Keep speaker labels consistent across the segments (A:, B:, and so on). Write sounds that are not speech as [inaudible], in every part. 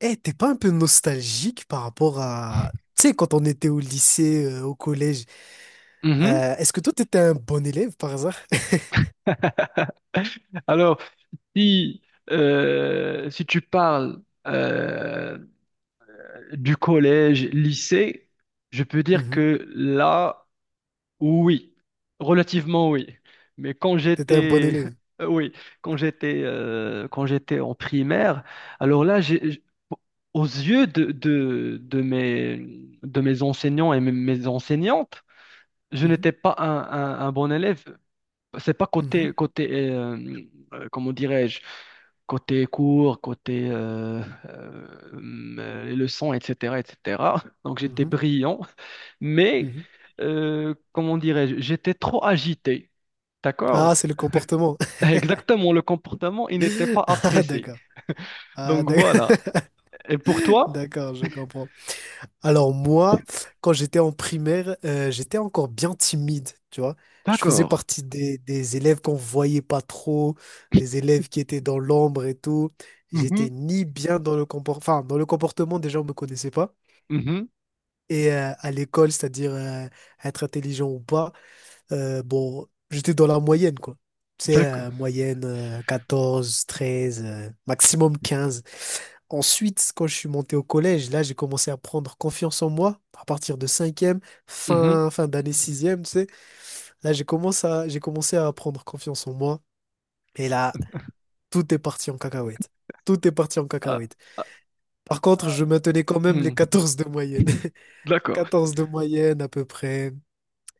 A: Eh, t'es pas un peu nostalgique par rapport à, tu sais, quand on était au lycée, au collège,
B: Mhm.
A: est-ce que toi, t'étais un bon élève par hasard? [laughs]
B: [laughs] Alors, si, si tu parles euh, du collège, lycée, je peux dire
A: Mhm.
B: que là, oui, relativement oui. Mais quand
A: T'étais un bon
B: j'étais,
A: élève.
B: [laughs] oui, quand j'étais en primaire, alors là, aux yeux de mes enseignants et mes enseignantes, je
A: Mhm,
B: n'étais pas un bon élève, c'est pas
A: mhm,
B: côté comment dirais-je, côté cours, côté les leçons, etc., etc. [laughs] Donc j'étais
A: mhm,
B: brillant, mais
A: mhm.
B: comment dirais-je, j'étais trop agité.
A: Ah,
B: D'accord?
A: c'est le comportement.
B: [laughs] Exactement, le comportement, il n'était pas
A: [laughs] Ah,
B: apprécié.
A: d'accord. Ah,
B: Donc
A: d'ac-
B: voilà. Et pour
A: [laughs]
B: toi?
A: d'accord, je comprends. Alors moi, quand j'étais en primaire, j'étais encore bien timide, tu vois. Je faisais
B: D'accord.
A: partie des élèves qu'on voyait pas trop, des élèves qui étaient dans l'ombre et tout.
B: Mhm,
A: J'étais ni bien dans le comportement, enfin, dans le comportement, déjà, on me connaissait pas.
B: mhm.
A: Et à l'école, c'est-à-dire être intelligent ou pas, bon, j'étais dans la moyenne, quoi. Tu sais,
B: D'accord.
A: moyenne 14, 13, maximum 15. Ensuite, quand je suis monté au collège, là, j'ai commencé à prendre confiance en moi à partir de cinquième,
B: Mhm.
A: fin d'année sixième, tu sais. Là, j'ai commencé à prendre confiance en moi. Et là, tout est parti en cacahuète. Tout est parti en
B: Ah,
A: cacahuète.
B: ah,
A: Par contre, je
B: ah.
A: maintenais quand même les
B: Hmm.
A: 14 de moyenne. [laughs]
B: D'accord.
A: 14 de moyenne à peu près.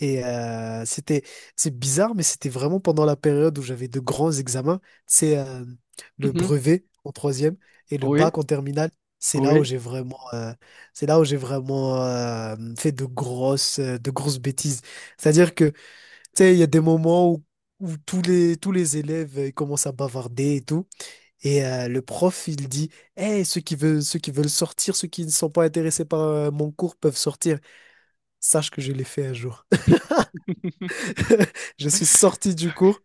A: Et c'est bizarre, mais c'était vraiment pendant la période où j'avais de grands examens. C'est le
B: Mhm.
A: brevet en troisième et le
B: Oui,
A: bac en terminale. C'est là où
B: oui.
A: j'ai vraiment, euh, c'est là où j'ai vraiment fait de grosses bêtises. C'est-à-dire que, tu sais, il y a des moments où tous les élèves ils commencent à bavarder et tout. Et le prof, il dit, hey, ceux qui veulent sortir, ceux qui ne sont pas intéressés par mon cours peuvent sortir. Sache que je l'ai fait un jour. [laughs] Je suis sorti du cours.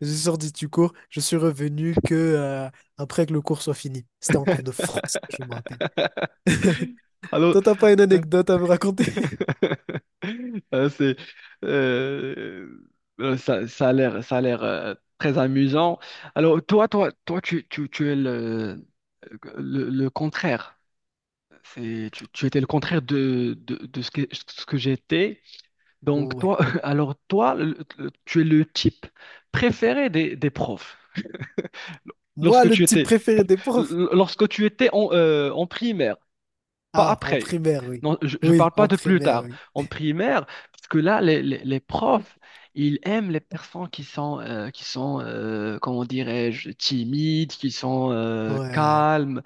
A: Je suis sorti du cours. Je suis revenu que après que le cours soit fini. C'était en cours de France, je me rappelle.
B: [laughs]
A: [laughs]
B: Alors,
A: Toi, t'as pas une
B: euh,
A: anecdote à me raconter?
B: [laughs] euh, c'est, euh, ça a l'air très amusant. Alors, toi, tu es le contraire. Tu étais le contraire de ce que j'étais. Donc,
A: Ouais.
B: toi, [laughs] alors, toi, tu es le type préféré des profs.
A: Moi,
B: Lorsque
A: le
B: tu
A: type
B: étais,
A: préféré des profs.
B: lorsque tu étais en primaire. Pas
A: Ah, en
B: après.
A: primaire, oui.
B: Non, je ne
A: Oui,
B: parle pas
A: en
B: de plus
A: primaire,
B: tard,
A: oui.
B: en primaire, parce que là, les profs, ils aiment les personnes qui sont comment dirais-je, timides, qui sont
A: Ouais, ouais.
B: calmes,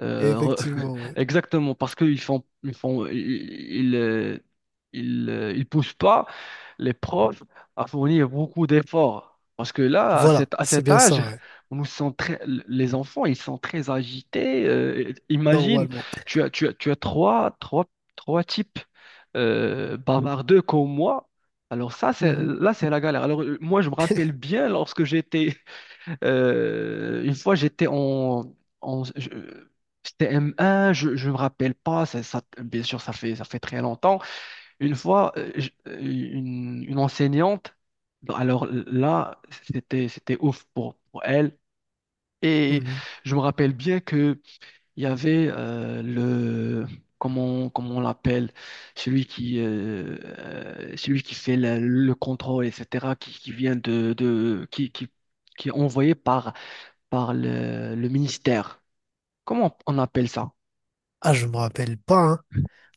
B: euh, re-
A: Effectivement,
B: [laughs]
A: ouais.
B: exactement, parce qu'ils font, ils poussent pas les profs à fournir beaucoup d'efforts. Parce que là,
A: Voilà,
B: à
A: c'est
B: cet
A: bien
B: âge,
A: ça, ouais.
B: on nous sent très- les enfants, ils sont très agités. Imagine,
A: Normalement.
B: tu as trois types bavardeux comme moi. Alors ça,
A: Mhm,
B: là, c'est la galère. Alors moi, je me rappelle bien [laughs] une fois, j'étais en je- c'était M1. Je ne me rappelle pas, bien sûr, ça fait très longtemps. Une fois, une enseignante, bah, alors là, c'était ouf pour elle. Et
A: mhm.
B: je me rappelle bien, il y avait le, comment on l'appelle, celui qui fait le contrôle, etc., qui vient qui est envoyé par le ministère. Comment on appelle ça?
A: Ah, je me rappelle pas, hein.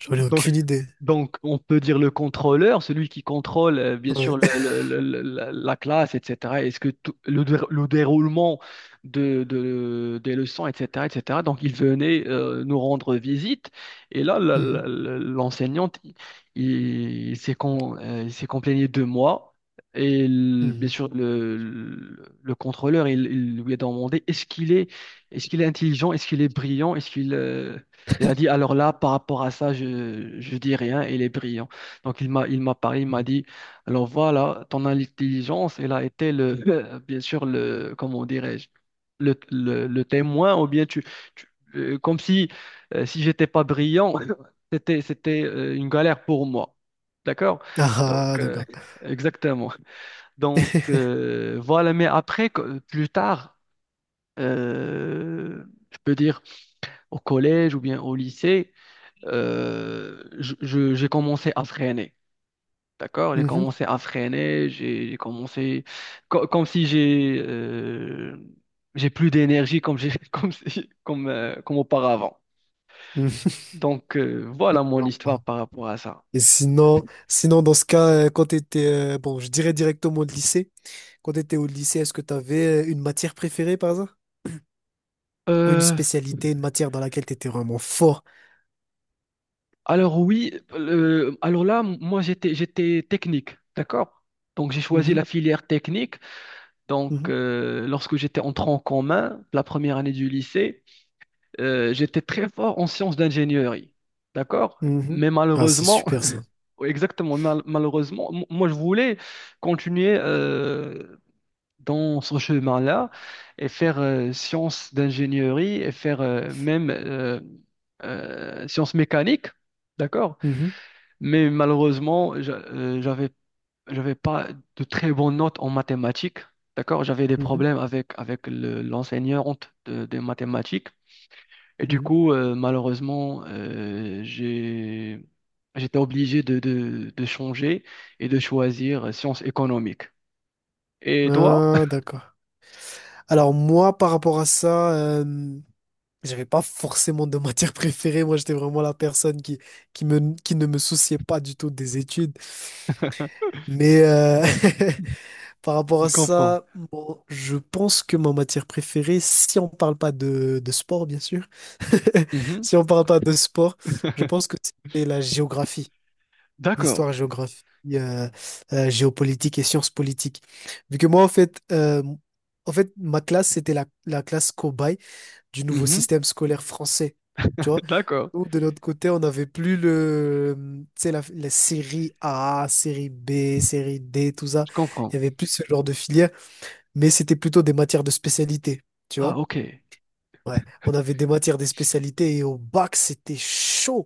A: J'en ai
B: Donc,
A: aucune idée.
B: donc, on peut dire le contrôleur, celui qui contrôle, bien sûr,
A: Ouais. [laughs]
B: la classe, etc. Est-ce que tout- le, dé- Le déroulement des leçons, etc., etc. Donc, il venait nous rendre visite. Et là,
A: Mhm,
B: l'enseignante, il s'est complaigné de moi. Et bien
A: mhm.
B: sûr, le contrôleur, il lui a demandé, est-ce qu'il est intelligent, est-ce qu'il est brillant, est-ce qu'il... Il a dit, alors là, par rapport à ça, je dis rien, il est brillant. Donc, il m'a parlé, il m'a dit, alors voilà, ton intelligence, elle a été [laughs] bien sûr, comment dirais-je, le témoin, ou bien tu- comme si, si j'étais pas brillant, [laughs] c'était une galère pour moi. D'accord? Donc,
A: Ah, [laughs] ah, d'accord.
B: exactement. Donc, voilà, mais après, plus tard, euh, je peux dire au collège ou bien au lycée, j'ai commencé à freiner. D'accord? J'ai
A: Mhm,
B: commencé à freiner, j'ai commencé comme si j'ai plus d'énergie comme j'ai [laughs] comme si- comme comme auparavant. Donc voilà mon histoire
A: mhm.
B: par rapport à ça.
A: Et sinon dans ce cas, quand tu étais, bon, je dirais directement au lycée, quand tu étais au lycée, est-ce que tu avais une matière préférée par hasard? Ou une
B: Euh,
A: spécialité, une matière dans laquelle tu étais vraiment fort?
B: alors oui, alors là, moi j'étais technique, d'accord? Donc j'ai choisi
A: Mhm,
B: la filière technique. Donc
A: mhm,
B: lorsque j'étais en tronc commun, la première année du lycée, j'étais très fort en sciences d'ingénierie, d'accord?
A: mhm.
B: Mais
A: Ah, c'est
B: malheureusement,
A: super ça.
B: [laughs] exactement, malheureusement, moi je voulais continuer dans ce chemin-là et faire sciences d'ingénierie et faire même sciences mécaniques, d'accord?
A: Mhm,
B: Mais malheureusement, j'avais pas de très bonnes notes en mathématiques, d'accord? J'avais des
A: mhm,
B: problèmes avec l'enseignante des mathématiques. Et du coup, malheureusement, j'étais obligé de changer et de choisir sciences économiques. Et
A: mhm.
B: toi?
A: Ah, d'accord. Alors moi, par rapport à ça, j'avais pas forcément de [laughs] matière préférée. Moi, j'étais vraiment la personne qui ne me souciait pas du tout des études.
B: [laughs]
A: Mais, [laughs] par rapport
B: Je
A: à
B: comprends.
A: ça, bon, je pense que ma matière préférée, si on parle pas de sport, bien sûr, [laughs]
B: Mhm.
A: si on parle pas de sport, je pense que c'est la géographie,
B: D'accord.
A: l'histoire géographie, euh, géopolitique et sciences politiques. Vu que moi, en fait, ma classe, c'était la classe cobaye du nouveau
B: Mhm.
A: système scolaire français. Tu vois?
B: [laughs] D'accord.
A: Nous, de notre côté, on n'avait plus tu sais, la série A, série B, série D, tout ça.
B: Je
A: Il
B: comprends.
A: n'y avait plus ce genre de filière mais c'était plutôt des matières de spécialité, tu
B: Ah,
A: vois?
B: ok.
A: Ouais, on avait des matières des spécialités et au bac, c'était chaud.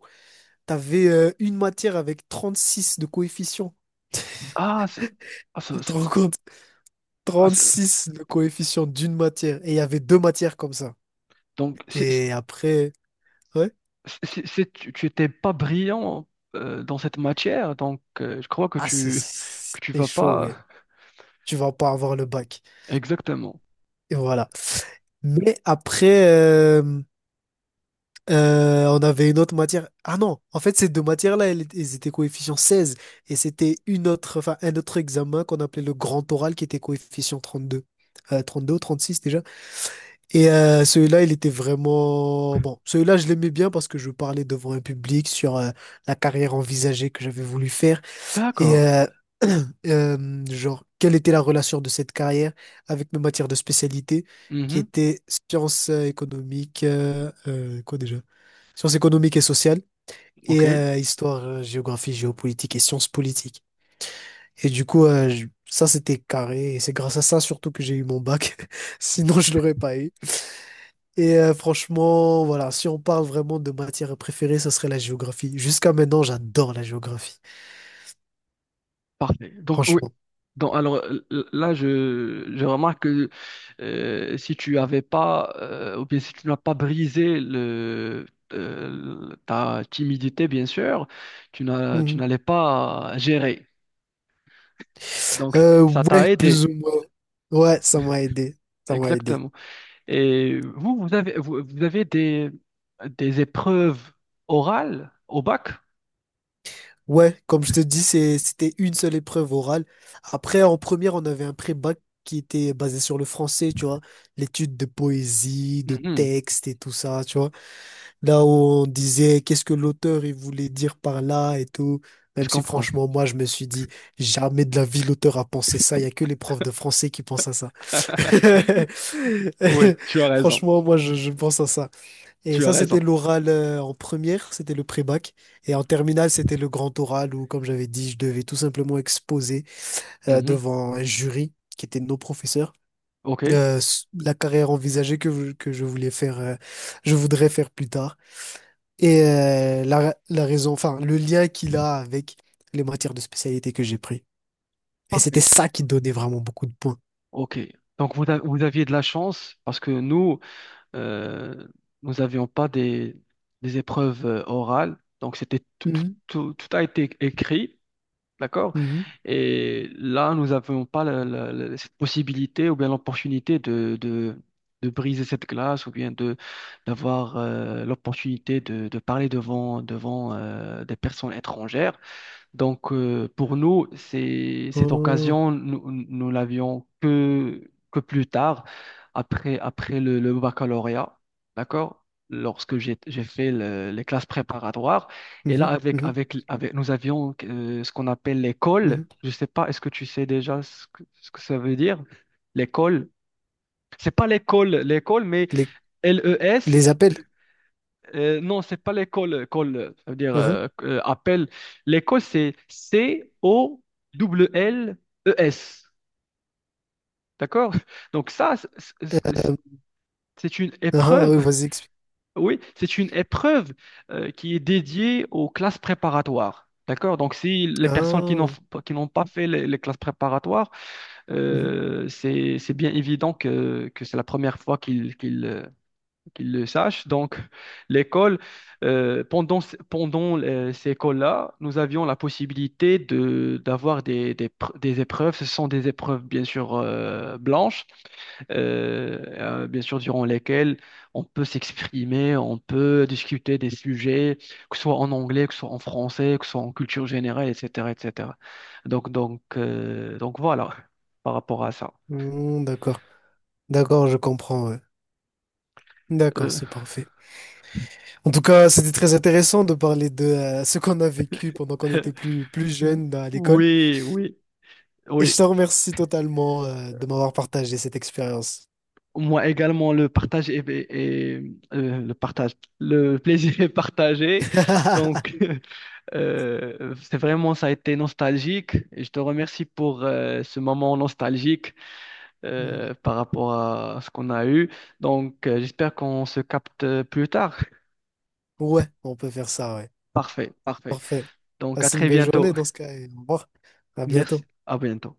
A: T'avais une matière avec 36 de coefficient.
B: Ah, ça- ah,
A: Tu
B: ça-
A: te
B: ça-
A: rends compte?
B: ah,
A: trente
B: ça-
A: six de coefficient d'une matière. Et il y avait deux matières comme ça.
B: donc,
A: Et après, ouais.
B: tu étais pas brillant dans cette matière, donc je crois que
A: Ah, c'est
B: tu
A: c'est
B: vas
A: chaud, ouais.
B: pas.
A: Tu vas pas avoir le bac.
B: Exactement.
A: Et voilà. Mais après, on avait une autre matière. Ah non, en fait, ces deux matières-là, elles étaient coefficient 16. Et c'était enfin, un autre examen qu'on appelait le grand oral qui était coefficient 32. Deux ou 36 déjà. Et celui-là, il était vraiment. Bon, celui-là, je l'aimais bien parce que je parlais devant un public sur la carrière envisagée que j'avais voulu faire. Et
B: D'accord.
A: [clears throat] genre, quelle était la relation de cette carrière avec mes matières de spécialité qui
B: Mhm.
A: étaient sciences économiques. Quoi déjà? Sciences économiques et sociales,
B: Ok.
A: et histoire, géographie, géopolitique et sciences politiques. Et du coup, ça, c'était carré. Et c'est grâce à ça surtout que j'ai eu mon bac. [laughs] Sinon, je l'aurais pas eu. Et franchement, voilà, si on parle vraiment de matière préférée, ça serait la géographie. Jusqu'à maintenant, j'adore la géographie,
B: Parfait. Donc, oui.
A: franchement.
B: Donc, là, je remarque que si tu avais pas, ou bien si tu n'as pas brisé ta timidité, bien sûr, tu
A: Mhm.
B: n'allais pas gérer. Donc, ça
A: Ouais,
B: t'a
A: plus
B: aidé.
A: ou moins. Ouais, ça m'a aidé. Ça m'a aidé.
B: Exactement. Et vous avez des épreuves orales au bac?
A: Ouais, comme je te dis, c'était une seule épreuve orale. Après, en première, on avait un pré-bac qui était basé sur le français, tu vois, l'étude de poésie, de
B: Mhm.
A: texte et tout ça, tu vois. Là où on disait qu'est-ce que l'auteur il voulait dire par là et tout.
B: Je
A: Même si
B: comprends.
A: franchement, moi, je me suis dit, jamais de la vie l'auteur a pensé ça. Il y a que les profs de français qui pensent à ça.
B: [laughs] Oui,
A: [laughs]
B: tu as raison.
A: Franchement, moi, je pense à ça. Et
B: Tu as
A: ça, c'était
B: raison.
A: l'oral en première, c'était le pré-bac. Et en terminale, c'était le grand oral où, comme j'avais dit, je devais tout simplement exposer
B: Mhm.
A: devant un jury qui était nos professeurs
B: OK.
A: la carrière envisagée que je voulais faire, je voudrais faire plus tard. Et la raison, enfin, le lien qu'il a avec les matières de spécialité que j'ai pris. Et c'était
B: Parfait.
A: ça qui donnait vraiment beaucoup de points.
B: Ok. Donc vous, vous aviez de la chance parce que nous, euh, nous n'avions pas des épreuves orales. Donc c'était
A: Mhm,
B: tout a été écrit, d'accord?
A: mhm,
B: Et là, nous n'avions pas cette possibilité ou bien l'opportunité de briser cette glace ou bien de d'avoir l'opportunité de parler devant des personnes étrangères. Donc, pour nous, cette
A: oh,
B: occasion, nous l'avions que plus tard, après le baccalauréat, d'accord? Lorsque j'ai fait les classes préparatoires. Et là,
A: mhm, mhm,
B: nous avions ce qu'on appelle l'école.
A: mhm.
B: Je ne sais pas, est-ce que tu sais déjà ce que ça veut dire? L'école. C'est pas l'école, l'école, mais
A: Les,
B: LES.
A: les appels.
B: Non, c'est pas l'école, call, ça veut dire
A: Mhm.
B: appel. L'école, c'est Colles. D'accord? Donc ça, c'est-
A: Euh,
B: c'est une
A: ah, ah,
B: épreuve,
A: oui,
B: [laughs]
A: vas-y.
B: oui, c'est une épreuve qui est dédiée aux classes préparatoires. D'accord? Donc si les personnes
A: Ah,
B: qui n'ont pas fait les classes préparatoires,
A: mhm.
B: c'est bien évident que c'est la première fois qu'ils le sachent. Donc, l'école, pendant ces écoles-là, nous avions la possibilité d'avoir des épreuves. Ce sont des épreuves, bien sûr, blanches, euh, bien sûr, durant lesquelles on peut s'exprimer, on peut discuter des sujets, que ce soit en anglais, que ce soit en français, que ce soit en culture générale, etc., etc. Donc voilà, par rapport à ça.
A: Mm, d'accord. D'accord, je comprends, ouais. D'accord,
B: Euh,
A: c'est parfait. En tout cas, c'était très intéressant de parler de ce qu'on a vécu pendant qu'on était
B: [laughs]
A: plus jeune à l'école.
B: oui, oui,
A: Et je
B: oui.
A: te remercie totalement de m'avoir partagé cette expérience.
B: Moi également, le partage est, est- est- le partage, le [laughs] plaisir est partagé. Donc,
A: [laughs]
B: [laughs] c'est vraiment, ça a été nostalgique. Et je te remercie pour ce moment nostalgique,
A: Mm.
B: par rapport à ce qu'on a eu. Donc, j'espère qu'on se capte plus tard.
A: Ouais, on peut faire ça, ouais.
B: Parfait, parfait.
A: Parfait.
B: Donc, à
A: Passe une
B: très
A: belle
B: bientôt.
A: journée dans ce cas et au revoir. À
B: Merci.
A: bientôt.
B: À bientôt.